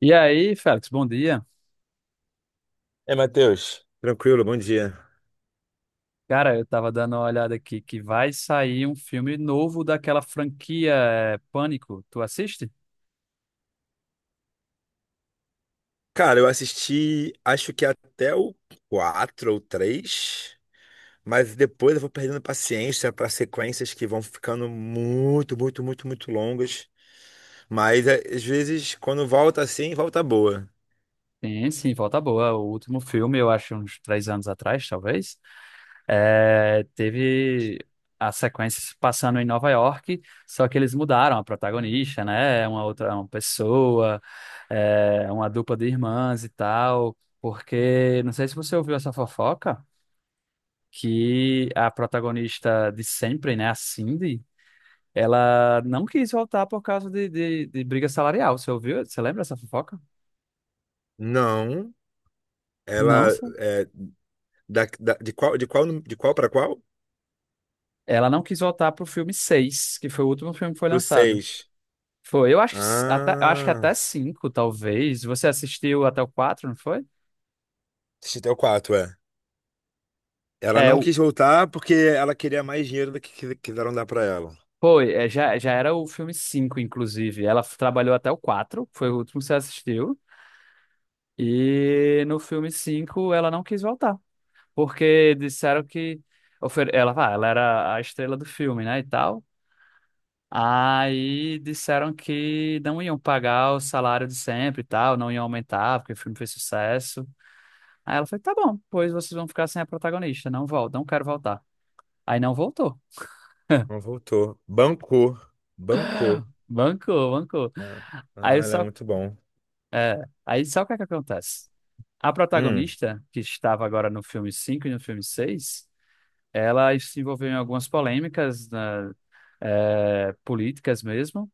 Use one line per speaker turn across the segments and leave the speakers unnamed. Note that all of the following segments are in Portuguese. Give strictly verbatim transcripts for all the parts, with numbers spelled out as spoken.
E aí, Félix, bom dia.
É, Matheus. Tranquilo, bom dia.
Cara, eu tava dando uma olhada aqui que vai sair um filme novo daquela franquia é, Pânico. Tu assiste?
Cara, eu assisti, acho que até o quatro ou três. Mas depois eu vou perdendo paciência para sequências que vão ficando muito, muito, muito, muito longas. Mas é, às vezes, quando volta assim, volta boa.
Sim, sim, volta boa. O último filme, eu acho uns três anos atrás, talvez, é, teve a sequência se passando em Nova York, só que eles mudaram a protagonista, né? É Uma outra, uma pessoa, é, uma dupla de irmãs e tal. Porque não sei se você ouviu essa fofoca, que a protagonista de sempre, né, a Cindy, ela não quis voltar por causa de, de, de briga salarial. Você ouviu? Você lembra essa fofoca?
Não,
Não,
ela
só.
é da, da- de qual, de qual, nu- de qual para qual?
Ela não quis voltar pro filme seis, que foi o último filme que foi
Pro
lançado.
seis.
Foi, eu acho, que s- até, eu acho que
Ah,
até cinco, talvez. Você assistiu até o quatro, não foi?
assisti até o quatro, é. Ela
É,
não
o-
quis voltar porque ela queria mais dinheiro do que que- quiseram dar para ela.
Foi, é, já, já era o filme cinco, inclusive. Ela f- trabalhou até o quatro, foi o último que você assistiu. E no filme cinco, ela não quis voltar. Porque disseram que ofer- ela, ah, ela era a estrela do filme, né, e tal. Aí disseram que não iam pagar o salário de sempre e tal, não iam aumentar, porque o filme fez sucesso. Aí ela falou, tá bom, pois vocês vão ficar sem a protagonista, não volto, não quero voltar. Aí não voltou.
Não voltou. Bancou. Bancou.
Bancou, bancou.
É. Ah,
Aí
ela é
só,
muito bom.
aí só o que é que acontece? A
Hum.
protagonista, que estava agora no filme cinco e no filme seis, ela se envolveu em algumas polêmicas, né, eh, políticas mesmo.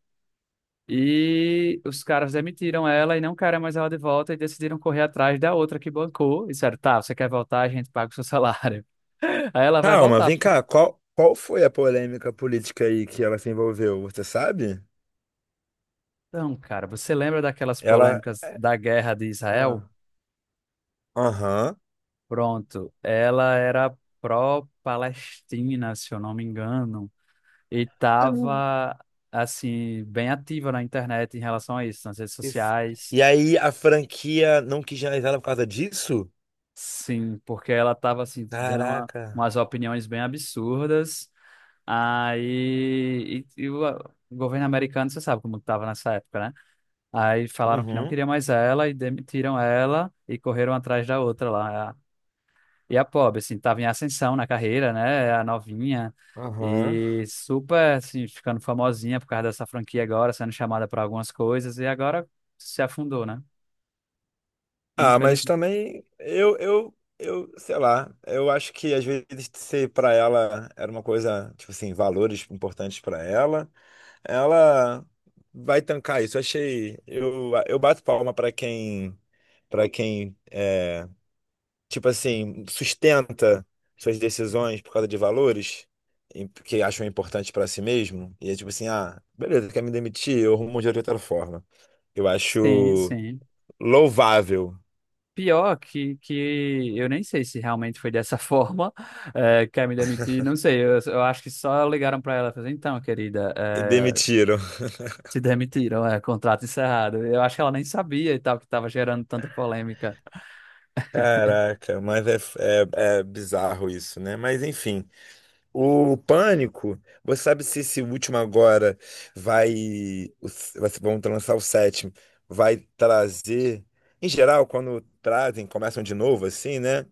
E os caras demitiram ela e não querem mais ela de volta e decidiram correr atrás da outra que bancou. E disseram, tá, você quer voltar, a gente paga o seu salário. Aí ela vai
Calma,
voltar.
vem cá. Qual, qual foi a polêmica política aí que ela se envolveu? Você sabe?
Então, cara, você lembra daquelas
Ela.
polêmicas da guerra de Israel?
Ah. Aham.
Pronto, ela era pró-Palestina, se eu não me engano, e
Uhum.
tava, assim, bem ativa na internet em relação a isso, nas redes
Isso.
sociais.
E aí a franquia não quis realizar ela por causa disso?
Sim, porque ela tava, assim, dando uma-
Caraca.
umas opiniões bem absurdas. Aí, e, e o o governo americano, você sabe como que estava nessa época, né? Aí falaram que não
Uhum.
queria mais ela e demitiram ela e correram atrás da outra lá. E a pobre, assim, estava em ascensão na carreira, né? É A novinha
Aham.
e super, assim, ficando famosinha por causa dessa franquia agora, sendo chamada para algumas coisas e agora se afundou, né?
Ah, mas
Infelizmente.
também eu, eu, eu, sei lá, eu acho que às vezes ser pra ela era uma coisa, tipo assim, valores importantes pra ela. Ela vai tancar isso. Achei. Eu, eu bato palma para quem, para quem é, tipo assim, sustenta suas decisões por causa de valores e que acham importante para si mesmo. E é tipo assim, ah, beleza, quer me demitir? Eu arrumo um dinheiro de outra forma. Eu
Sim,
acho
sim.
louvável.
Pior que, que eu nem sei se realmente foi dessa forma. Eh, quer me demitir, não sei, eu, eu acho que só ligaram para ela e falaram, então, querida,
E
eh,
demitiram.
se demitiram, é contrato encerrado. Eu acho que ela nem sabia e tal, que estava gerando tanta polêmica.
Caraca, mas é, é, é bizarro isso, né? Mas enfim. O Pânico, você sabe se esse último agora vai, o s- vai ser- vão lançar o sétimo, vai trazer, em geral, quando trazem, começam de novo, assim, né?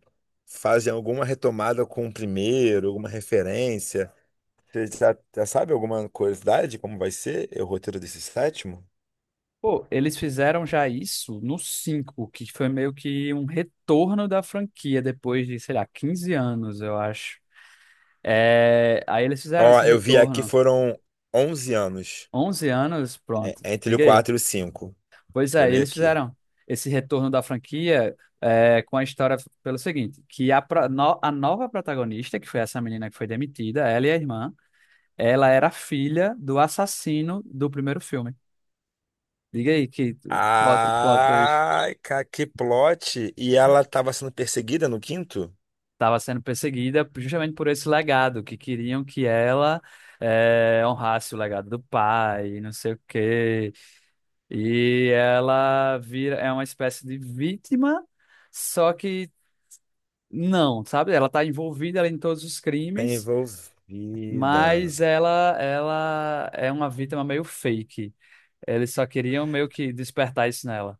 Fazem alguma retomada com o primeiro, alguma referência. Você já, já sabe alguma curiosidade, como vai ser o roteiro desse sétimo?
Pô, eles fizeram já isso no cinco, que foi meio que um retorno da franquia depois de, sei lá, quinze anos, eu acho. Eh, aí eles fizeram
Ó,
esse
eu vi aqui
retorno,
foram onze anos,
onze anos,
é-
pronto,
entre o
diga aí.
quatro e o cinco.
Pois
Vou
é, e
ler
eles
aqui.
fizeram esse retorno da franquia é, com a história, pelo seguinte, que a, pro- no- a nova protagonista, que foi essa menina que foi demitida, ela e a irmã, ela era filha do assassino do primeiro filme. Diga aí que o plot, o plot twist
Ai, cara, que plot! E ela tava sendo perseguida no quinto?
estava sendo perseguida justamente por esse legado, que queriam que ela é, honrasse o legado do pai, não sei o quê. E ela vira, é uma espécie de vítima, só que não, sabe? Ela está envolvida ali em todos os
Tá
crimes,
envolvida.
mas ela ela é uma vítima meio fake. Eles só queriam meio que despertar isso nela.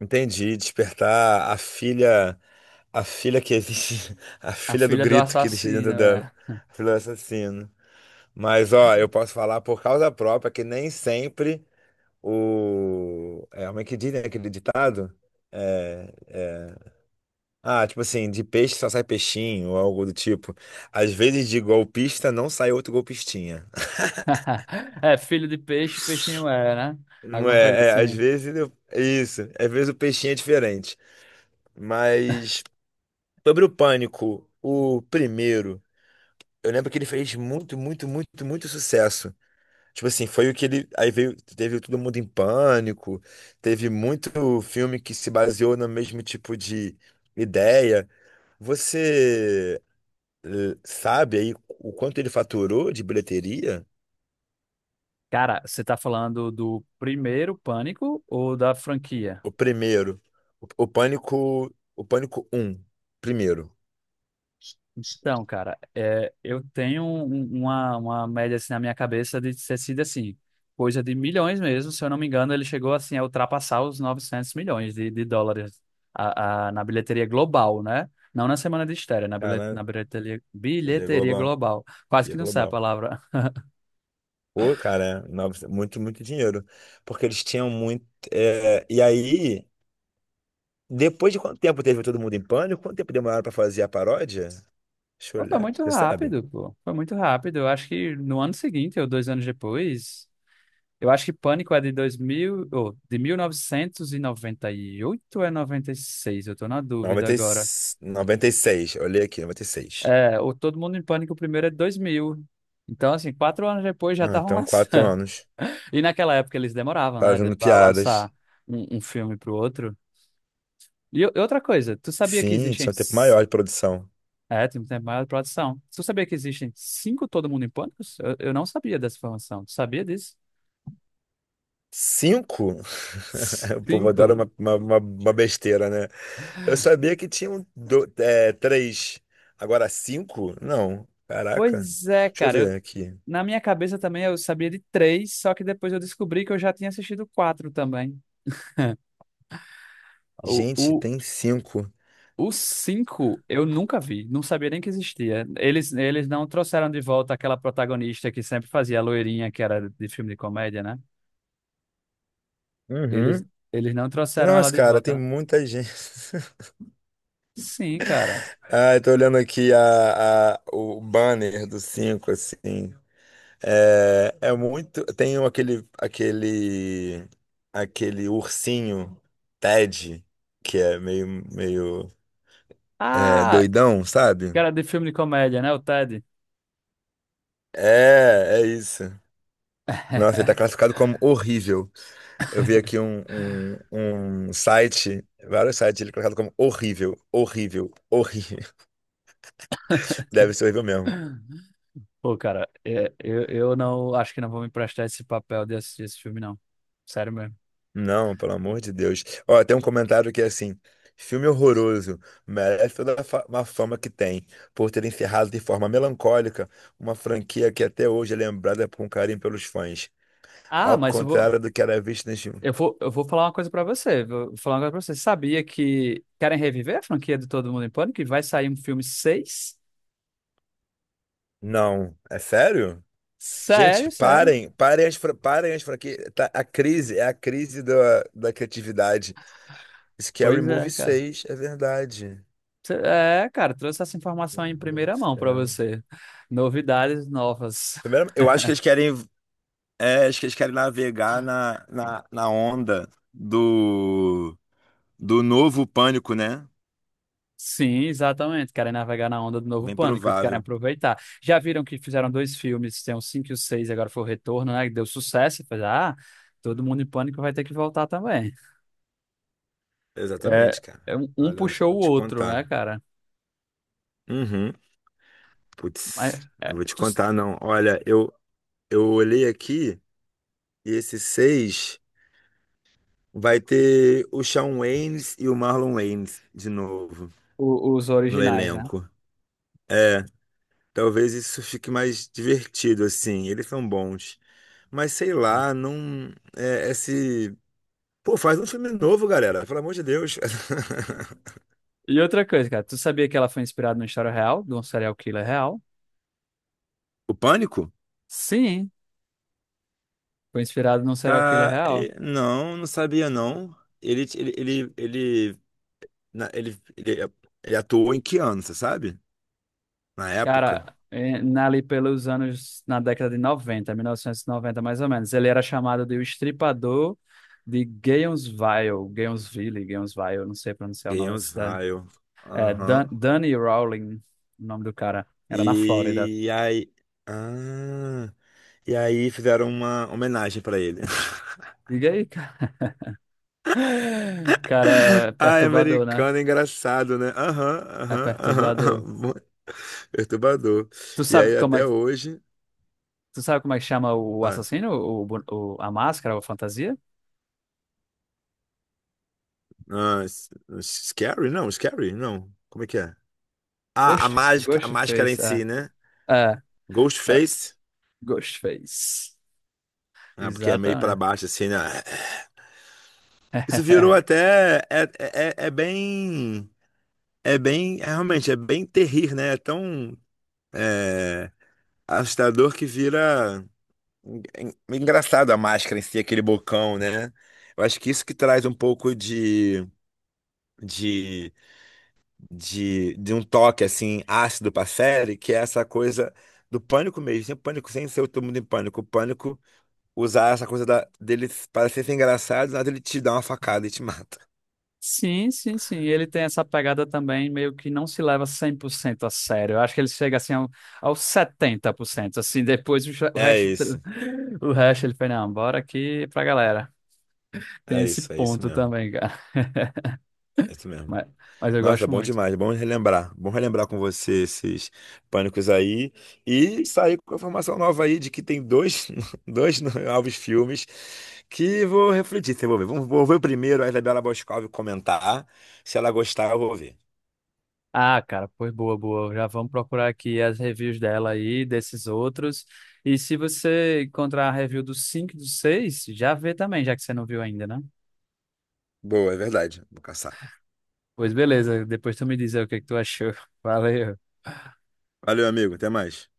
Entendi, despertar a filha, a filha que existe, a
A
filha do
filha do
grito que existe
assassino,
dentro dela,
é.
a filha do assassino. Mas ó, eu posso falar por causa própria que nem sempre o. É, como é que diz, né, aquele ditado? É, é, ah, tipo assim, de peixe só sai peixinho, ou algo do tipo. Às vezes de golpista não sai outro golpistinha.
É, filho de peixe, peixinho é, né?
Não
Alguma coisa
é, é, às
assim.
vezes eu- é isso, às vezes o peixinho é diferente. Mas sobre o Pânico, o primeiro, eu lembro que ele fez muito, muito, muito, muito sucesso. Tipo assim, foi o que ele. Aí veio, teve o Todo Mundo em Pânico, teve muito filme que se baseou no mesmo tipo de ideia. Você. eh, sabe aí o quanto ele faturou de bilheteria?
Cara, você tá falando do primeiro Pânico ou da franquia?
O primeiro, o, o Pânico, o Pânico um primeiro.
Então, cara, é, eu tenho um- uma, uma média assim na minha cabeça de ter sido assim, coisa de milhões mesmo. Se eu não me engano, ele chegou assim a ultrapassar os novecentos milhões de, de dólares a- a- na bilheteria global, né? Não na semana de estreia, na, bilhe-
Cara,
na bilheteria,
cadê
bilheteria
global?
global. Quase
Cadê
que não sai a
global?
palavra.
Pô, cara, nove- muito, muito dinheiro. Porque eles tinham muito. Eh, e aí, depois de quanto tempo teve Todo Mundo em Pânico? Quanto tempo demoraram pra fazer a paródia? Deixa eu
Pô, foi
olhar.
muito
Você sabe?
rápido, pô. Foi muito rápido. Eu acho que no ano seguinte, ou dois anos depois. Eu acho que Pânico é de dois mil ou de mil novecentos e noventa e oito, ou é noventa e seis. Eu tô na dúvida
Noventa e-
agora.
seis, noventa e seis. Olhei aqui, noventa e seis.
É, o Todo Mundo em Pânico, o primeiro é de dois mil. Então, assim, quatro anos depois já
Ah,
estavam
então, quatro
lançando.
anos.
E naquela época eles demoravam, né, de-
Fazendo
pra lançar
piadas.
um, um filme pro outro. E, o- e outra coisa, tu sabia que
Sim,
existem...
tinha um tempo
c-
maior de produção.
É, tem um tempo maior de produção. Tu sabia que existem cinco Todo Mundo em Pânico? Eu, eu não sabia dessa informação. Tu sabia disso?
Cinco? O povo adora
Cinco?
uma, uma, uma- uma besteira, né? Eu sabia que tinham do, é, três. Agora cinco? Não. Caraca.
Pois é,
Deixa eu
cara.
ver aqui.
Na minha cabeça também eu sabia de três, só que depois eu descobri que eu já tinha assistido quatro também. O,
Gente,
o,
tem cinco.
o cinco eu nunca vi, não sabia nem que existia. Eles, eles não trouxeram de volta aquela protagonista que sempre fazia a loirinha, que era de filme de comédia, né? Eles,
Uhum.
eles não trouxeram ela
Nossa,
de
cara, tem
volta.
muita gente.
Sim, cara.
Ah, eu tô olhando aqui a, a- o banner do cinco, assim. É, é muito. Tem um- aquele, aquele, aquele ursinho Ted, que é meio, meio. É,
Ah,
doidão, sabe?
que era de filme de comédia, né? O Ted.
É, é isso. Nossa, ele tá classificado como horrível. Eu vi aqui um, um, um site, vários sites, ele é classificado como horrível, horrível, horrível. Deve ser horrível mesmo.
Pô, cara, é, eu, eu não acho que não vou me emprestar esse papel de assistir esse filme, não. Sério mesmo.
Não, pelo amor de Deus. Ó, tem um comentário que é assim: filme horroroso, merece toda a fa- uma fama que tem, por ter encerrado de forma melancólica uma franquia que até hoje é lembrada com carinho pelos fãs,
Ah,
ao
mas eu vou.
contrário do que era visto nos filmes.
Eu vou, eu vou falar uma coisa pra você. Vou falar uma coisa pra você. Você sabia que querem reviver a franquia de Todo Mundo em Pânico? E vai sair um filme seis.
Não, é sério?
Sério,
Gente,
sério.
parem, parem as, fra- parem as franquias. Tá, a crise, é a crise da, da criatividade. Scary
Pois é,
Movie
cara.
seis, é verdade.
Cê- É, cara, trouxe essa
Meu
informação em
Deus do
primeira mão pra
céu.
você. Novidades novas.
Primeiro, eu acho que eles querem, é, acho que eles querem navegar na, na, na onda do, do novo pânico, né?
Sim, exatamente. Querem navegar na onda do novo
Bem
Pânico, querem
provável.
aproveitar. Já viram que fizeram dois filmes, tem o cinco e o seis. Agora foi o Retorno, né? Que deu sucesso. E fez, ah, Todo Mundo em Pânico vai ter que voltar também. É,
Exatamente, cara.
é um um
Olha, só
puxou
vou
o
te
outro, né,
contar.
cara?
Uhum.
Mas
Putz, eu
é,
vou te
tu-
contar, não. Olha, eu, eu olhei aqui e esse seis. Vai ter o Shawn Waynes e o Marlon Waynes de novo
o- os
no
originais, né?
elenco. É, talvez isso fique mais divertido, assim. Eles são bons. Mas sei lá, não. É, esse. Pô, faz um filme novo, galera. Pelo amor de Deus.
E outra coisa, cara, tu sabia que ela foi inspirada numa história real, de um serial killer real?
O Pânico?
Sim, foi inspirada num serial killer
Ca-
real.
e- Não, não sabia, não. Ele, ele, ele, ele, na- ele, ele, ele atuou em que ano, você sabe? Na
Cara,
época?
eh, na- ali pelos anos, na década de noventa, mil novecentos e noventa mais ou menos, ele era chamado de o Estripador de Gainesville, Gainesville, Gainesville, não sei pronunciar o nome da
Ganhamos
cidade.
Vile.
É, Dan,
Aham.
Danny Rowling, o nome do cara, era na Flórida.
E aí. Ah. E aí fizeram uma homenagem pra ele.
Diga aí, cara. Cara, é
Ai,
perturbador, né?
americano, é engraçado, né? Aham,
É
aham, aham,
perturbador.
aham. Perturbador.
Tu
E
sabe
aí
como é,
até
que-
hoje.
tu sabe como é que chama o
Ah,
assassino? O, bu- o- a máscara, a fantasia?
ah, s- scary? Não, scary? Não. Como é que é? Ah, a
Ghost,
mágica, a máscara em
Ghostface,
si,
é.
né?
É, é,
Ghostface.
Ghostface.
Ah, porque é meio pra
Exatamente.
baixo, assim, né? Isso virou até. É, é, é é bem. É bem. É, realmente, é bem terrir, né? É tão assustador que vira en- engraçado a máscara em si, aquele bocão, né? Eu acho que isso que traz um pouco de, de, de, de um toque assim ácido pra série, que é essa coisa do pânico mesmo, sem pânico, sem ser todo mundo em pânico. O pânico usar essa coisa da, dele parecer ser engraçado, nada ele te dá uma facada e te mata.
Sim, sim, sim. Ele tem essa pegada também, meio que não se leva cem por cento a sério. Eu acho que ele chega assim ao- aos setenta por cento. Assim, depois o, cha- o
É
resto,
isso,
o resto ele fala, não, bora aqui pra galera. Tem
é
esse
isso, é isso
ponto
mesmo.
também, cara.
É isso mesmo.
Mas, mas eu
Nossa,
gosto
bom
muito.
demais, bom relembrar. Bom relembrar com você esses pânicos aí e sair com a informação nova aí de que tem dois, dois novos filmes que vou refletir, se eu vou ver. Vou vou ver o primeiro, a Isabela Boscov comentar. Se ela gostar, eu vou ver.
Ah, cara, pois boa, boa. Já vamos procurar aqui as reviews dela aí, desses outros. E se você encontrar a review dos cinco, e do seis, já vê também, já que você não viu ainda, né?
Boa, é verdade. Vou caçar.
Pois beleza, depois tu me diz aí o que que tu achou. Valeu.
Valeu, amigo. Até mais.